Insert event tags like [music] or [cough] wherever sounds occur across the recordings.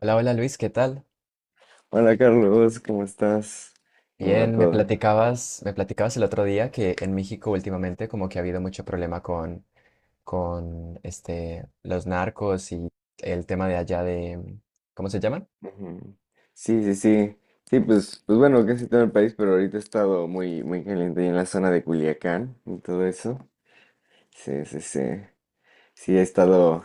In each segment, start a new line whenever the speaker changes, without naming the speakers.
Hola, hola Luis, ¿qué tal?
Hola Carlos, ¿cómo estás? ¿Cómo va
Bien, me
todo?
platicabas, me platicabas el otro día que en México últimamente como que ha habido mucho problema con los narcos y el tema de allá de, ¿cómo se llaman?
Ujú. Sí, sí, sí. Sí, pues, pues bueno, casi todo el país, pero ahorita he estado muy, muy caliente ahí en la zona de Culiacán y todo eso. Sí, sí, sí. Sí,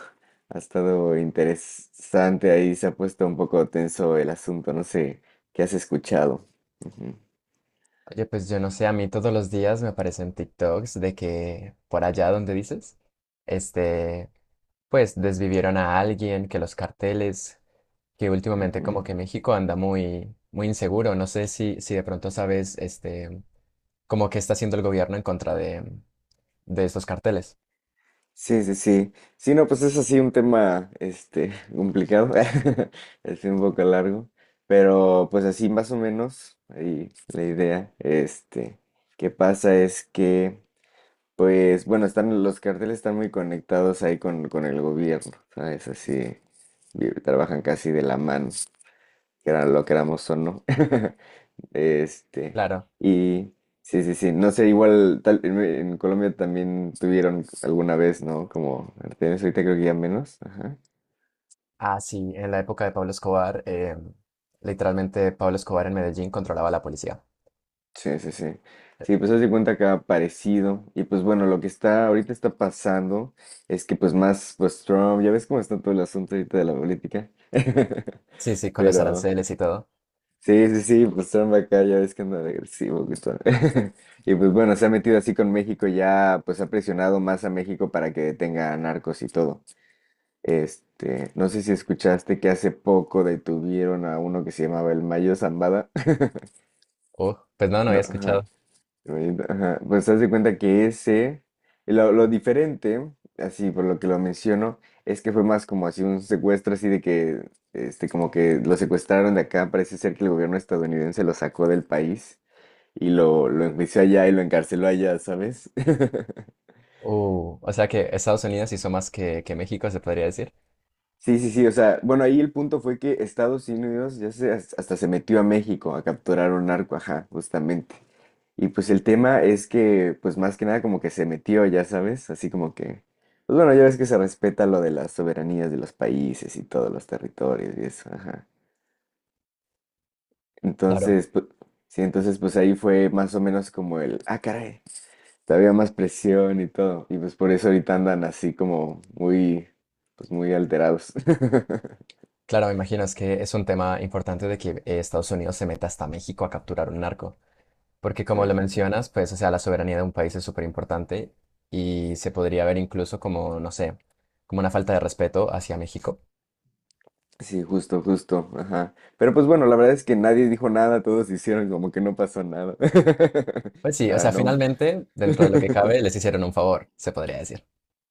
ha estado interesante ahí, se ha puesto un poco tenso el asunto, no sé qué has escuchado. Ujú,
Oye, pues yo no sé, a mí todos los días me aparecen TikToks de que por allá donde dices, este, pues desvivieron a alguien, que los carteles, que últimamente
ujú.
como que México anda muy, muy inseguro. No sé si de pronto sabes, como que está haciendo el gobierno en contra de estos carteles.
Sí, sí, sí. Sí, no, pues es así un tema, [laughs] complicado, [laughs] es un poco largo, pero pues así más o menos, ahí la idea, que pasa es que, pues, bueno, están, los carteles están muy conectados ahí con el gobierno, ¿sabes? Así, trabajan casi de la mano, que era lo queramos o no. [laughs] Este,
Claro.
y sí, sí, sí, no sé, igual tal, en Colombia también tuvieron alguna vez, ¿no? Como Artemisa, ahorita creo que ya menos. Ajá.
Ah, sí, en la época de Pablo Escobar, literalmente Pablo Escobar en Medellín controlaba a la policía.
Sí, sí, sí. Sí, pues haz de cuenta que ha parecido. Y pues bueno, lo que está ahorita está pasando es que pues más, pues Trump, ya ves cómo está todo el asunto ahorita de la política. [laughs]
Sí, sí, con los
Pero,
aranceles y todo.
sí, sí, sí, pues Trump acá ya ves que anda de agresivo, Gustavo. [laughs] Y pues bueno, se ha metido así con México, ya pues ha presionado más a México para que detenga a narcos y todo. No sé si escuchaste que hace poco detuvieron a uno que se llamaba el Mayo Zambada. [laughs]
Pues no, no había
No, ajá,
escuchado.
ajá, pues haz de cuenta que ese, y lo diferente, así por lo que lo menciono, es que fue más como así un secuestro, así de que, como que lo secuestraron de acá, parece ser que el gobierno estadounidense lo sacó del país y lo enjuició allá y lo encarceló allá, ¿sabes? [laughs]
O sea que Estados Unidos hizo más que México, se podría decir.
Sí, sí, sí, o sea, bueno, ahí el punto fue que Estados Unidos ya se, hasta se metió a México a capturar un narco, ajá, justamente. Y pues el tema es que, pues más que nada como que se metió, ya sabes, así como que, pues bueno, ya ves que se respeta lo de las soberanías de los países y todos los territorios y eso, ajá.
Claro,
Entonces, pues, sí, entonces pues ahí fue más o menos como el, ah, caray. Había más presión y todo. Y pues por eso ahorita andan así como muy, pues muy alterados. [laughs]
claro, me imagino, es que es un tema importante de que Estados Unidos se meta hasta México a capturar un narco. Porque
Sí,
como lo mencionas, pues, o sea, la soberanía de un país es súper importante y se podría ver incluso como, no sé, como una falta de respeto hacia México.
sí, justo, justo, ajá. Pero pues bueno, la verdad es que nadie dijo nada, todos hicieron como que no pasó nada.
Pues
[laughs]
sí, o
Para
sea,
no.
finalmente, dentro de lo que cabe,
[laughs]
les hicieron un favor, se podría decir.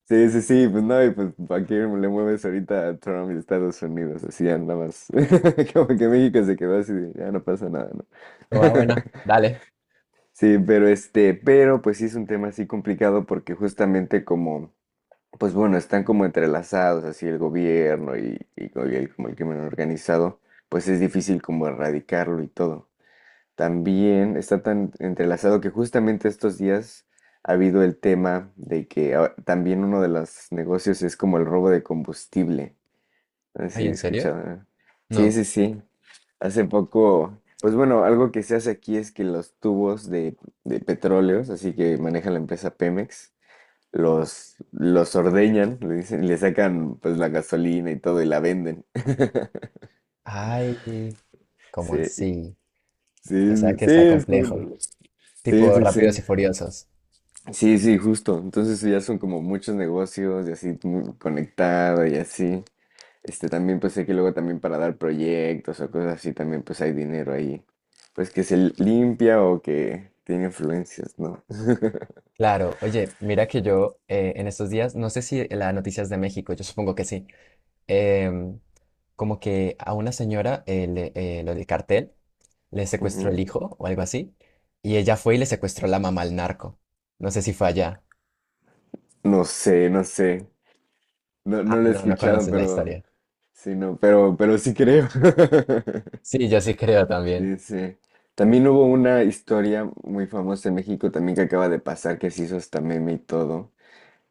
Sí, sí, sí, pues no, y pues ¿para qué le mueves ahorita a Trump y Estados Unidos? Así ya nada más. [laughs] Como que México se quedó así, de, ya no pasa nada, ¿no?
Pero va, bueno,
[laughs]
dale.
Sí, pero pero pues sí es un tema así complicado porque justamente como pues bueno, están como entrelazados, así el gobierno y, y el, como el crimen organizado, pues es difícil como erradicarlo y todo. También está tan entrelazado que justamente estos días ha habido el tema de que ah, también uno de los negocios es como el robo de combustible. Así
Ay,
he
¿en serio?
escuchado, ¿no? Sí,
No.
sí, sí. Hace poco, pues bueno, algo que se hace aquí es que los tubos de petróleos, así que maneja la empresa Pemex, los ordeñan, le dicen, le sacan pues la gasolina y todo y la venden. [laughs]
Ay, ¿cómo
Sí,
así? O sea,
sí,
que
sí,
está complejo.
sí,
Tipo
sí,
Rápidos
sí.
y Furiosos.
Sí, sí, justo. Entonces ya son como muchos negocios y así muy conectado y así. También pues sé que luego también para dar proyectos o cosas así también pues hay dinero ahí. Pues que se limpia o que tiene influencias, ¿no?
Claro, oye, mira que yo en estos días, no sé si la noticias de México, yo supongo que sí. em, Como que a una señora, lo del cartel, le
[laughs]
secuestró el
Ujú.
hijo o algo así, y ella fue y le secuestró la mamá al narco. No sé si fue allá.
No sé, no sé. No, no
Ah,
lo he
no, no
escuchado,
conoces la
pero
historia.
sí, no, pero sí creo. [laughs]
Sí, yo sí creo también.
Sí, sí. También hubo una historia muy famosa en México también que acaba de pasar, que se hizo hasta meme y todo.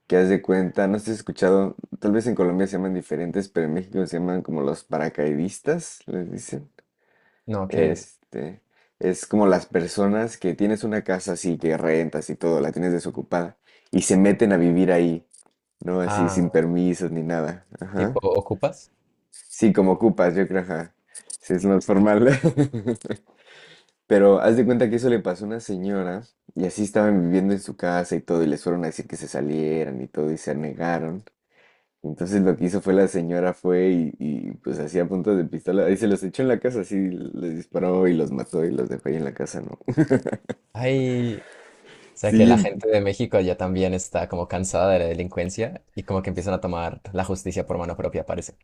Que haz de cuenta, no sé si has escuchado, tal vez en Colombia se llaman diferentes, pero en México se llaman como los paracaidistas, les dicen.
No, ¿qué es?
Este, es como las personas que tienes una casa así, que rentas y todo, la tienes desocupada, y se meten a vivir ahí, ¿no? Así sin
Ah,
permisos ni nada.
tipo,
Ajá.
¿ocupas?
Sí, como ocupas, yo creo, ajá. Sí, es más formal. [laughs] Pero haz de cuenta que eso le pasó a una señora y así estaban viviendo en su casa y todo y les fueron a decir que se salieran y todo y se negaron. Entonces lo que hizo fue la señora fue pues hacía puntos de pistola y se los echó en la casa, así les disparó y los mató y los dejó ahí en la casa, ¿no?
Ay, o
[laughs]
sea que la
Sí,
gente de México ya también está como cansada de la delincuencia y como que empiezan a tomar la justicia por mano propia, parece.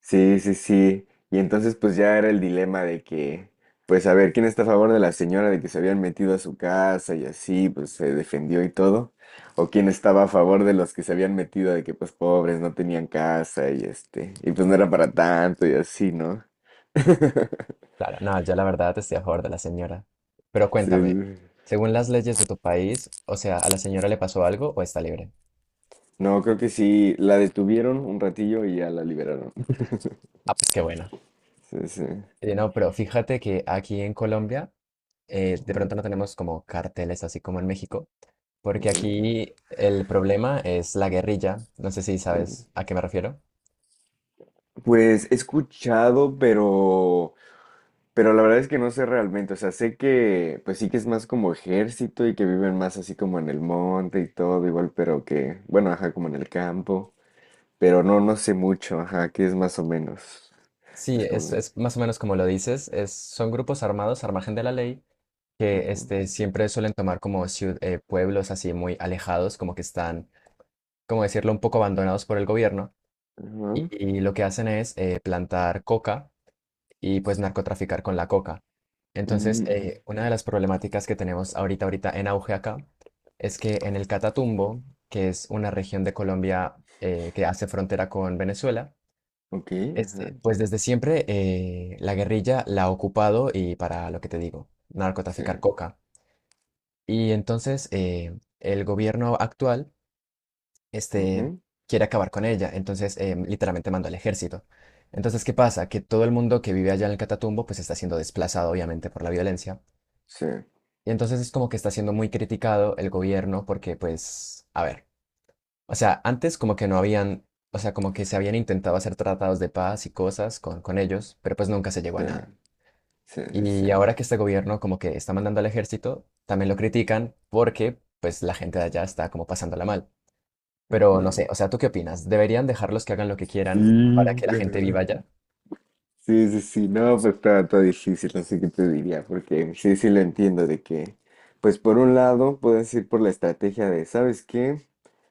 sí, sí, sí. Y entonces pues ya era el dilema de que, pues a ver, ¿quién está a favor de la señora de que se habían metido a su casa y así, pues se defendió y todo? ¿O quién estaba a favor de los que se habían metido de que pues pobres no tenían casa y y pues no era para tanto y así, ¿no? [laughs]
Claro, no, yo la verdad estoy a favor de la señora. Pero
Sí,
cuéntame,
sí.
según las leyes de tu país, o sea, ¿a la señora le pasó algo o está libre?
No, creo que sí, la detuvieron un ratillo y ya la liberaron.
Ah, pues qué bueno.
Sí, sí.
No, pero fíjate que aquí en Colombia, de
Ujú,
pronto no tenemos como carteles así como en México, porque
ujú.
aquí el problema es la guerrilla. No sé si sabes a qué me refiero.
Pues he escuchado, pero... Pero la verdad es que no sé realmente, o sea, sé que pues sí que es más como ejército y que viven más así como en el monte y todo, igual, pero que, bueno, ajá, como en el campo, pero no, no sé mucho, ajá, que es más o menos.
Sí,
Es como...
es más o menos como lo dices, es, son grupos armados al margen de la ley que
Ujú,
siempre suelen tomar como pueblos así muy alejados, como que están como decirlo, un poco abandonados por el gobierno y,
ajá,
y lo que hacen es plantar coca y pues narcotraficar con la coca. Entonces,
ujú, ujú,
una de las problemáticas que tenemos ahorita, ahorita en auge acá, es que en el Catatumbo, que es una región de Colombia que hace frontera con Venezuela,
ok, ajá,
pues desde siempre la guerrilla la ha ocupado y para lo que te digo,
sí,
narcotraficar coca. Y entonces el gobierno actual este,
ujú,
quiere acabar con ella, entonces literalmente mandó al ejército. Entonces, ¿qué pasa? Que todo el mundo que vive allá en el Catatumbo pues está siendo desplazado obviamente por la violencia.
sí,
Y entonces es como que está siendo muy criticado el gobierno porque pues, a ver, o sea, antes como que no habían, o sea, como que se habían intentado hacer tratados de paz y cosas con ellos, pero pues nunca se llegó a
sí,
nada.
sí, sí, sí,
Y ahora que este gobierno como que está mandando al ejército, también lo critican porque pues la gente de allá está como pasándola mal. Pero no
ujú.
sé, o sea, ¿tú qué opinas? ¿Deberían dejarlos que hagan lo que
Sí.
quieran para que la gente viva
[laughs]
allá?
Sí, sí, sí, no, pues está, está difícil, no sé qué te diría, porque sí, sí lo entiendo de que, pues por un lado puedes ir por la estrategia de, ¿sabes qué?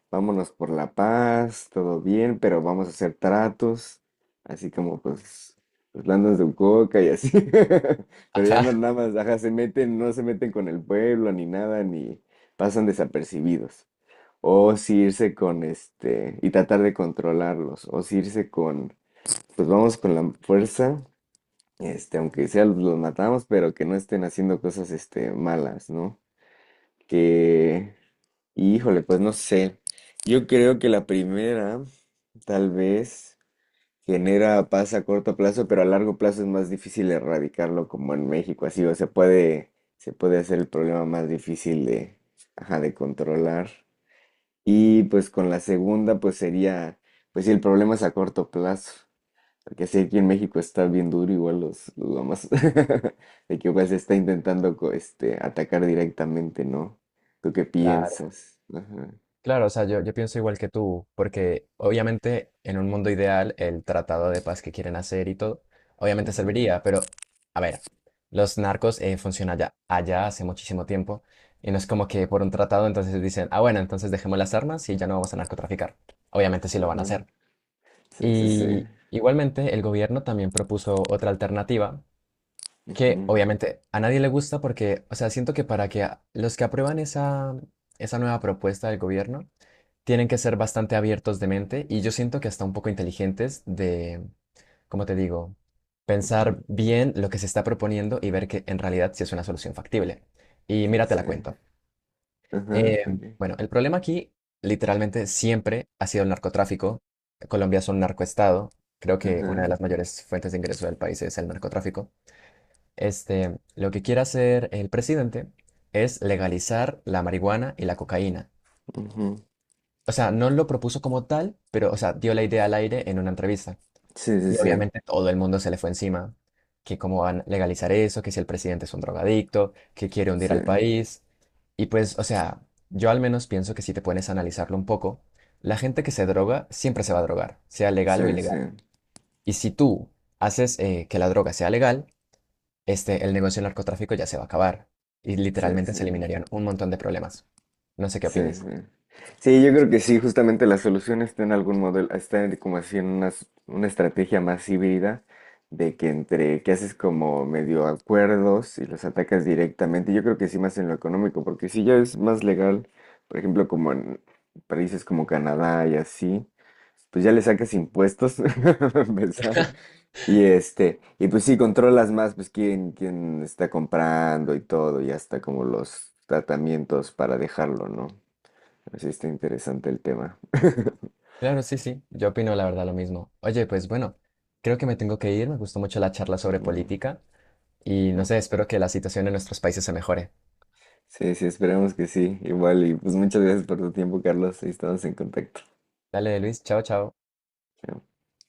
Vámonos por la paz, todo bien, pero vamos a hacer tratos, así como pues los landas de coca y así, [laughs] pero ya
Ajá,
no
[laughs]
nada más, ajá, se meten, no se meten con el pueblo ni nada, ni pasan desapercibidos, o si irse con y tratar de controlarlos, o si irse con... Pues vamos con la fuerza, aunque sea los matamos, pero que no estén haciendo cosas, malas, ¿no? Que, híjole, pues no sé. Yo creo que la primera, tal vez, genera paz a corto plazo, pero a largo plazo es más difícil erradicarlo como en México, así, o se puede hacer el problema más difícil de, ajá, de controlar. Y pues con la segunda, pues sería, pues si el problema es a corto plazo. Porque sí, aquí en México está bien duro igual los lamas. [laughs] De que pues está intentando atacar directamente, ¿no? ¿Tú qué
claro.
piensas? Ajá,
Claro, o sea, yo pienso igual que tú, porque obviamente en un mundo ideal el tratado de paz que quieren hacer y todo, obviamente
ujú,
serviría, pero a ver, los narcos funcionan allá, allá hace muchísimo tiempo, y no es como que por un tratado entonces dicen, ah, bueno, entonces dejemos las armas y ya no vamos a narcotraficar. Obviamente sí lo van a
ajá,
hacer.
sí, sí, sí,
Y igualmente el gobierno también propuso otra alternativa que
ujú,
obviamente a nadie le gusta porque, o sea, siento que para que los que aprueban esa nueva propuesta del gobierno tienen que ser bastante abiertos de mente y yo siento que hasta un poco inteligentes de, como te digo?
ujú,
Pensar bien lo que se está proponiendo y ver que en realidad sí es una solución factible. Y
sí,
mira, te
sí,
la cuento.
ajá,
Eh,
ok,
bueno, el problema aquí literalmente siempre ha sido el narcotráfico. Colombia es un narcoestado. Creo que una de
ajá,
las mayores fuentes de ingreso del país es el narcotráfico. Lo que quiere hacer el presidente es legalizar la marihuana y la cocaína.
ujú,
O sea, no lo propuso como tal, pero, o sea, dio la idea al aire en una entrevista.
sí, sí,
Y
sí,
obviamente todo el mundo se le fue encima, que cómo van a legalizar eso, que si el presidente es un drogadicto, que quiere hundir al país. Y pues, o sea, yo al menos pienso que si te pones a analizarlo un poco, la gente que se droga siempre se va a drogar, sea legal
sí,
o
sí,
ilegal. Y si tú haces que la droga sea legal, el negocio del narcotráfico ya se va a acabar y
sí, sí,
literalmente
sí,
se eliminarían un montón de problemas. No sé qué
sí,
opines.
sí. Sí, yo creo que sí, justamente la solución está en algún modelo, está en como así en una, una estrategia más híbrida de que entre que haces como medio acuerdos y los atacas directamente. Yo creo que sí más en lo económico, porque si ya es más legal, por ejemplo, como en países como Canadá y así, pues ya le sacas impuestos [laughs] para empezar. Y y pues sí, controlas más, pues quién, quién está comprando y todo, y hasta como los tratamientos para dejarlo, ¿no? Así está interesante el tema. [laughs]
Claro, sí, sí, yo opino la verdad lo mismo. Oye, pues bueno, creo que me tengo que ir, me gustó mucho la charla sobre
Ujú,
política y no
ujú.
sé, espero que la situación en nuestros países se mejore.
Sí, sí, esperemos que sí. Igual, y pues muchas gracias por tu tiempo, Carlos. Ahí estamos en contacto.
Dale, Luis, chao, chao.
Chao.